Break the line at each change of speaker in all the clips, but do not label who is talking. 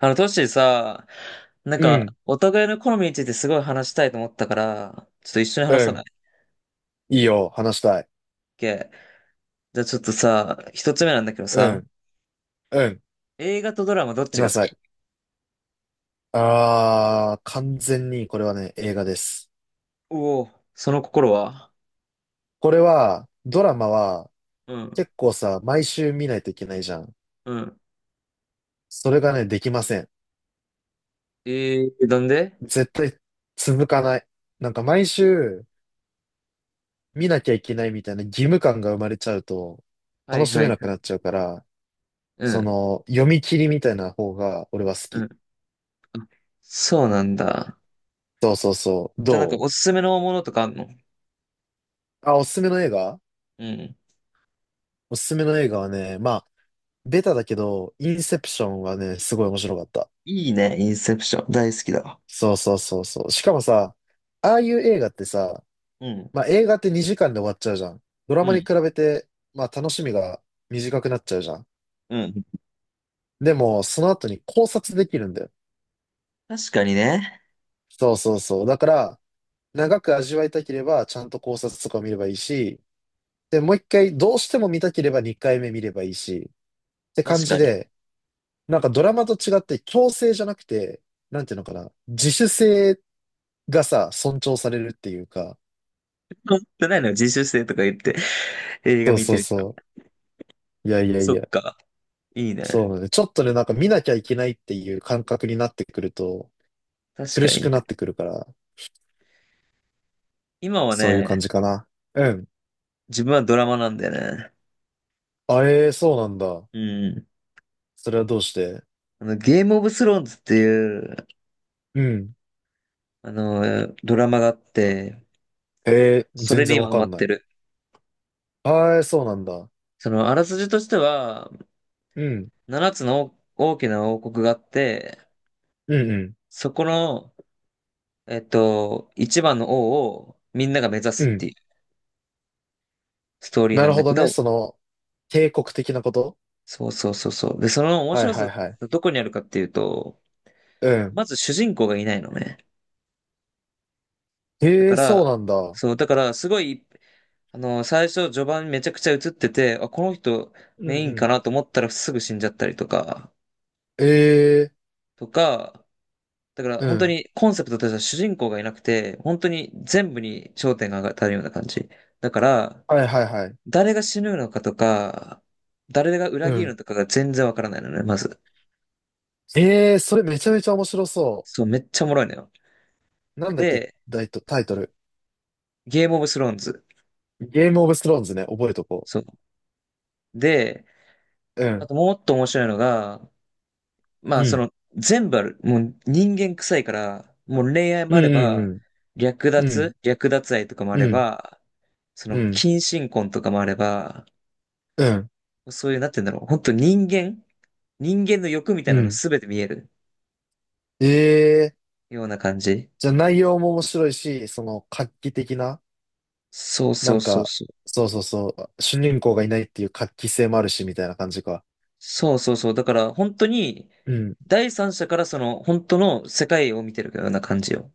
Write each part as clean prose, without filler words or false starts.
トッシーさ、なん
う
か、
ん、
お互いの好みについてすごい話したいと思ったから、ちょっと一緒に
う
話さない
ん。いいよ、話したい。
?OK。じゃあちょっとさ、一つ目なんだけど
う
さ、
ん、うん。
映画とドラマどっ
来
ち
な
が好
さ
き？
い。あー、完全にこれはね、映画です。
おおー、その心は？
これは、ドラマは
うん、
結構さ、毎週見ないといけないじゃん。
うん。
それがね、できません。
えなんで？
絶対続かない。なんか毎週見なきゃいけないみたいな義務感が生まれちゃうと、
は
楽
い
し
は
め
い。
なくなっちゃうから、
う
そ
ん、
の、読み切りみたいな方が俺は好
うん。
き。
あ、そうなんだ。
そうそうそう。
じゃあなんか
ど
おすすめのものとかあんの？
うあ、おすすめの映画、
うん。
おすすめの映画はね、まあ、ベタだけど、インセプションはね、すごい面白かった。
いいね、インセプション。大好きだわ。
そうそうそうそう。しかもさ、ああいう映画ってさ、
うん、
まあ映画って2時間で終わっちゃうじゃん。ドラ
う
マに
ん、
比べて、まあ楽しみが短くなっちゃうじゃん。
うん。
でも、その後に考察できるんだよ。
確かにね。
そうそうそう。だから、長く味わいたければ、ちゃんと考察とかを見ればいいし、で、もう一回、どうしても見たければ2回目見ればいいし、って感
確
じ
かに。
で、なんかドラマと違って強制じゃなくて、なんていうのかな、自主性がさ、尊重されるっていうか、
持ってないのよ、自主性とか言って映画
そう
見
そ
て
う
る。
そう。いやいや
そ
い
っ
や。
か。いい
そう
ね。
なのね。ちょっとね、なんか見なきゃいけないっていう感覚になってくると、
確
苦
か
し
にね。
くなってくるから、
今は
そういう
ね、
感じかな。うん。
自分はドラマなんだよね。
あえ、そうなんだ。
うん。
それはどうして。
ゲームオブスローンズっていう、
うん。
ドラマがあって、
えー、
それ
全
に
然
今
わ
ハ
か
マっ
んな
て
い。
る。
あえ、そうなんだ。
あらすじとしては、
うん。
7つの大きな王国があって、
うんうん。
そこの、一番の王をみんなが目指
う
すっ
ん。
ていうストーリー
な
な
る
んだ
ほ
け
どね。
ど、
その、帝国的なこと。
そうそうそうそう。で、その面
はい
白
は
さ、
いはい。
どこにあるかっていうと、
うん。
まず主人公がいないのね。だ
え
か
ー、そう
ら、
なんだ。
そう、だから、すごい、最初、序盤めちゃくちゃ映ってて、あ、この人、
う
メイ
んう
ンか
ん。
なと思ったらすぐ死んじゃったりとか、
えー、
とか、だから、
う
本当
ん。
にコンセプトとしては主人公がいなくて、本当に全部に焦点が当たるような感じ。だから、
はいはいはい。
誰が死ぬのかとか、誰が
う
裏切るの
ん。
とかが全然わからないのね、まず。
ええ、それめちゃめちゃ面白そ
そう、めっちゃおもろいのよ。
う。なんだっけ、
で、
タイトル。
ゲームオブスローンズ。
ゲームオブスローンズね、覚えとこ
そう。で、
う。う
あ
ん。
ともっと面白いのが、ま
う
あ、
ん。
全部ある。もう人間臭いから、もう恋愛も
う
あれ
ん
ば、略
うんうん。う
奪、
ん。
略奪愛とかもあ
う
れ
ん。
ば、
うん。
近親婚とかもあれば、そういう、なんて言うんだろう。本当人間の欲みた
う
いなのが
ん。
全て見える
ええ、
ような感じ。
じゃあ内容も面白いし、その画期的な、
そう
な
そう
ん
そう
か、
そう。
そうそうそう、主人公がいないっていう画期性もあるし、みたいな感じか。
そうそうそう。だから、本当に、
うん。
第三者から本当の世界を見てるような感じよ。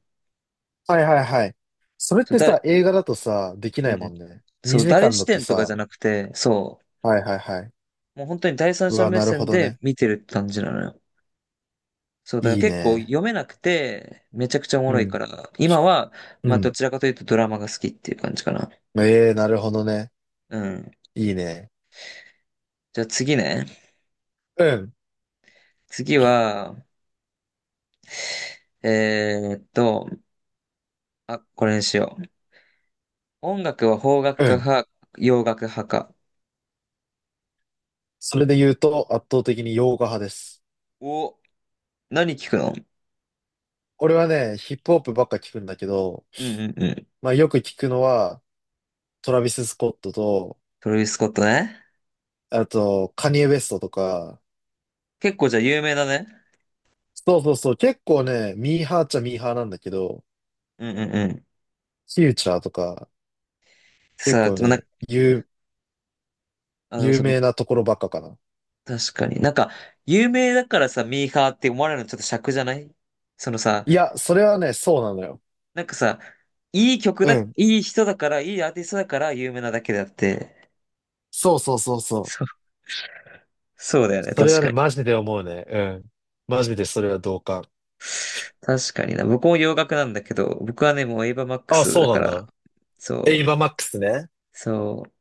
はいはいはい。それっ
そう、
て
誰、
さ、映画だとさ、できな
う
いも
ん。
んね。
そう、
2時
誰
間
視
だと
点とかじゃ
さ、
なくて、そ
はいはいはい。
う。もう本当に第三
う
者
わ、
目
なるほ
線
ど
で
ね。
見てるって感じなのよ。そう、だから
いい
結構
ね。
読めなくて、めちゃくちゃおも
う
ろい
ん。
から、今は、
う
まあ
ん。
どちらかというとドラマが好きっていう感じかな。
ええ、なるほどね。
うん。
いいね。
じゃあ次ね。
うん、
次は、えーっと、あ、これにしよう。音楽は邦
う
楽
ん。
派か、洋楽派か？
それで言うと、圧倒的に洋画派です。
お、何聞くの？
俺はね、ヒップホップばっか聞くんだけど、
うんうんうん。
まあよく聞くのは、トラビス・スコットと、
トラビス・スコットね。
あと、カニエ・ウェストとか、
結構じゃあ有名だね。
そうそうそう、結構ね、ミーハーっちゃミーハーなんだけど、
うんうんうん。
フューチャーとか、結
さあ、
構
でもな、
ね、有、
あの、
有
そう、
名なところばっかかな。
確かに。なんか、有名だからさ、ミーハーって思われるのちょっと尺じゃない？そのさ、
いや、それはね、そうなのよ。
なんかさ、いい曲
う
だ、い
ん。
い人だから、いいアーティストだから有名なだけであって、
そうそうそうそう。
そう、そうだよね、
それ
確
は
か
ね、
に。
マジで思うね。うん。マジでそれは同感。
確かにな。僕も洋楽なんだけど、僕はね、もうエイバーマック
あ、
ス
そ
だ
う
か
なん
ら、
だ。エイ
そう、
バーマックスね。
そう、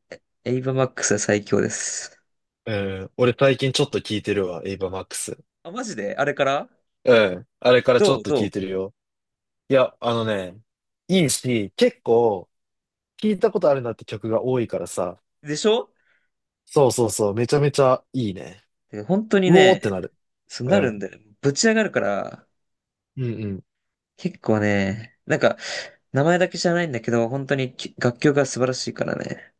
エイバーマックスは最強です。
うん。俺最近ちょっと聞いてるわ、エイバーマックス。
あ、マジであれから
うん。あれからちょ
ど
っ
う
と聞い
ど
てるよ。いや、あのね、いいし、結構、聞いたことあるなって曲が多いからさ。
うでしょ？
そうそうそう、めちゃめちゃいいね。
で本当に
うおーっ
ね、
てなる。
そう
う
なるん
ん。
だよ。ぶち上がるから、
うんうん。
結構ね、なんか、名前だけじゃないんだけど、本当にき楽曲が素晴らしいからね。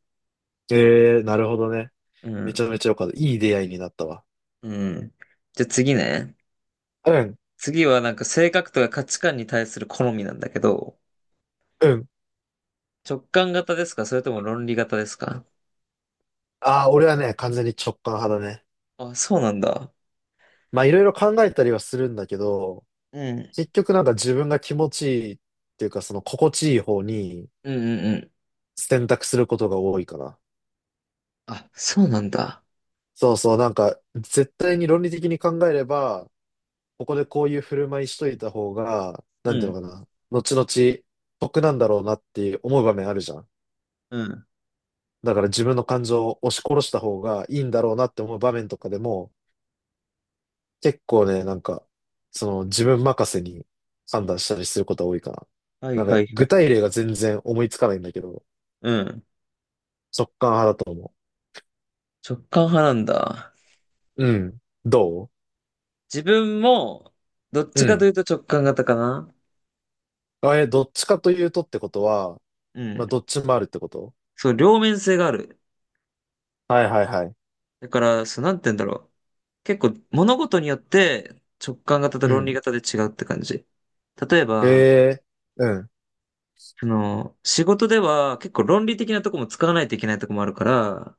えー、なるほどね。
う
め
ん、
ちゃめちゃよかった。いい出会いになったわ。
うん。じゃあ次ね。
うん。
次はなんか性格とか価値観に対する好みなんだけど、
うん。
直感型ですか、それとも論理型ですか？
ああ、俺はね、完全に直感派だね。
あ、そうなんだ。
まあ、いろいろ考えたりはするんだけど、
うん。
結局なんか自分が気持ちいいっていうか、その心地いい方に、
うんうんうん。
選択することが多いかな。
あ、そうなんだ。
そうそう、なんか、絶対に論理的に考えれば、ここでこういう振る舞いしといた方が、
う
なんていう
ん。
のかな、後々、得なんだろうなって思う場面あるじゃん。
うん。
だから自分の感情を押し殺した方がいいんだろうなって思う場面とかでも、結構ね、なんか、その自分任せに判断したりすることが多いかな。
はい
なん
は
か、
いは
具
い。
体例が全然思いつかないんだけど、
うん。
直感派だと思
直感派なんだ。
う。うん。ど
自分も、どっ
う、う
ちかとい
ん。
うと直感型かな。
あれ、どっちかというとってことは、
う
ま
ん。
あ、どっちもあるってこと。
そう、両面性がある。
はいはいはい。
だから、そう、なんて言うんだろう。結構、物事によって直感型と
う
論理
ん。
型で違うって感じ。例え
へ
ば、
え、うん。
仕事では結構論理的なとこも使わないといけないとこもあるから、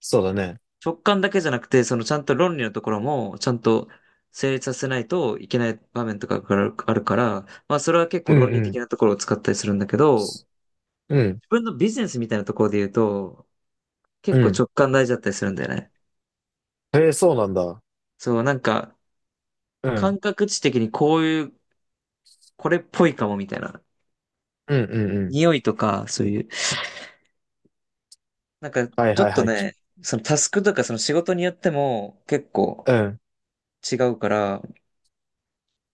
そうだね。
直感だけじゃなくて、ちゃんと論理のところもちゃんと成立させないといけない場面とかがあるから、まあそれは結
う
構
ん
論理
う
的
ん。
なところを使ったりするんだけど、
うん。
自分のビジネスみたいなところで言うと、
う
結構
ん。
直感大事だったりするんだよね。
へえ、そうなんだ。
そう、なんか
うん。
感覚値的にこういう、これっぽいかもみたいな。
うんうんうん。
匂いとか、そういう。なんか
はい
ちょ
は
っ
い
と
はい。
ね、そのタスクとかその仕事によっても結構、
うん。
違うから、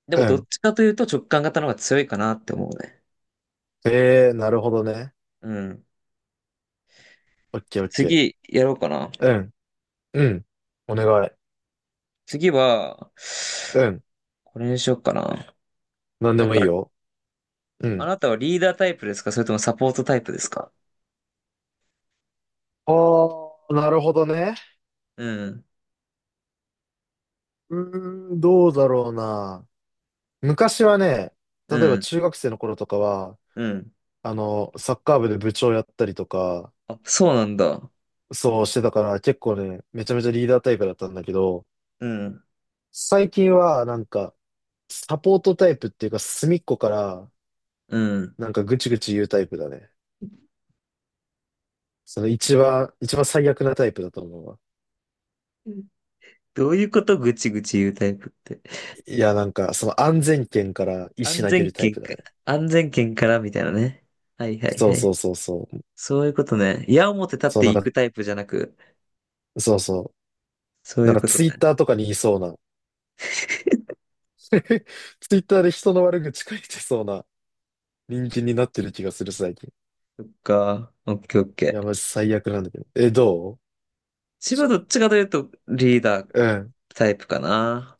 でも
う
どっ
ん。
ちかというと直感型の方が強いかなって思うね。
へえ、なるほどね。
うん。
オッケーオッケー。
次、やろうかな。
うん。うん。お願い。
次は、
うん。
これにしようかな。
なんで
なん
もい
か、
いよ。う
あ
ん。
なたはリーダータイプですか、それともサポートタイプですか？
ああ、なるほどね。
うん。
うーん、どうだろうな。昔はね、例
う
えば
ん。
中学生の頃とかは、
うん。
あの、サッカー部で部長やったりとか、
あ、そうなんだ。
そうしてたから結構ね、めちゃめちゃリーダータイプだったんだけど、
うん。
最近はなんかサポートタイプっていうか隅っこから
うん。
なんかぐちぐち言うタイプだね。その一番最悪なタイプだと思うわ。
うん。どういうこと、ぐちぐち言うタイプって。
いやなんかその安全圏から石
安
投げ
全
るタイ
圏
プだ
か、
ね。
安全圏からみたいなね。はいはいは
そうそ
い。
うそうそう。
そういうことね。矢を持って立っ
そう
て
なん
い
か、
くタイプじゃなく、
そうそ
そう
う。な
い
ん
う
か
こと
ツイッ
ね。
ターとかにいそうな。ツイッターで人の悪口書いてそうな人間になってる気がする最近。
か。オッケーオッ
い
ケ
や、マジ
ー。
最悪なんだけど。え、ど
千葉どっちかというとリーダー
う、うん。
タイプかな。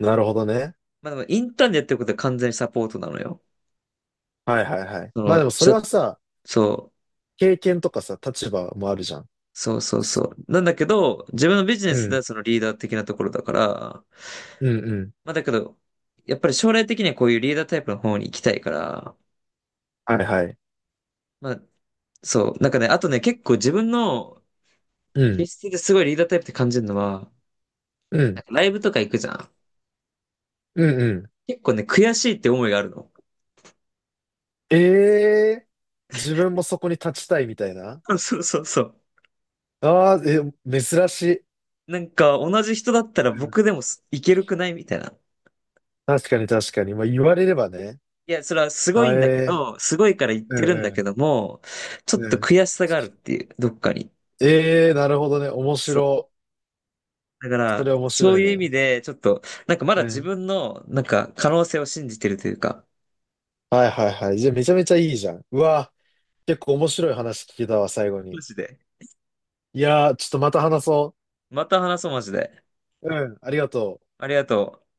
なるほどね。
まあでもインターンでやってることは完全にサポートなのよ。
はいはいはい。
そ
まあ
の、
でもそ
し
れ
ゃ
はさ、
そう、
経験とかさ、立場もあるじゃん。
そうそうそう。なんだけど、自分のビジネ
う
スで
ん、
はそのリーダー的なところだから、
うん、うん。
まあだけど、やっぱり将来的にはこういうリーダータイプの方に行きたいから、
はいはい。
まあそう、なんかね、あとね、結構自分の
う
気
ん、
質ですごいリーダータイプって感じるのは、
うん、
なんかライブとか行くじゃん。
うん、うん。
結構ね、悔しいって思いがあるの。
ええー、自分もそこに立ちたいみたいな。
そうそうそう。
ああ、え、珍しい。
なんか同じ人だったら
うん。
僕でもすいけるくないみたいな。
確かに確かに。まあ言われればね。
いや、それはすごい
あえ、
んだけ
え、
ど、すごいから言っ
う
て
ん
るんだけ
う
ども、ちょ
ん、
っ
う
と
ん。
悔しさがあるっていう、どっかに。
ええー、なるほどね。面
そう。
白。
だか
それ
ら、
面
そ
白
う
い
いう意味
ね。
で、ちょっと、なんかま
う
だ自
ん。
分の、なんか可能性を信じてるというか。
はいはいはい。じゃあめちゃめちゃいいじゃん。うわ、結構面白い話聞けたわ、最後
マ
に。
ジで。
いやー、ちょっとまた話そう。
また話そう、マジで。
うん、ありがとう。
ありがとう。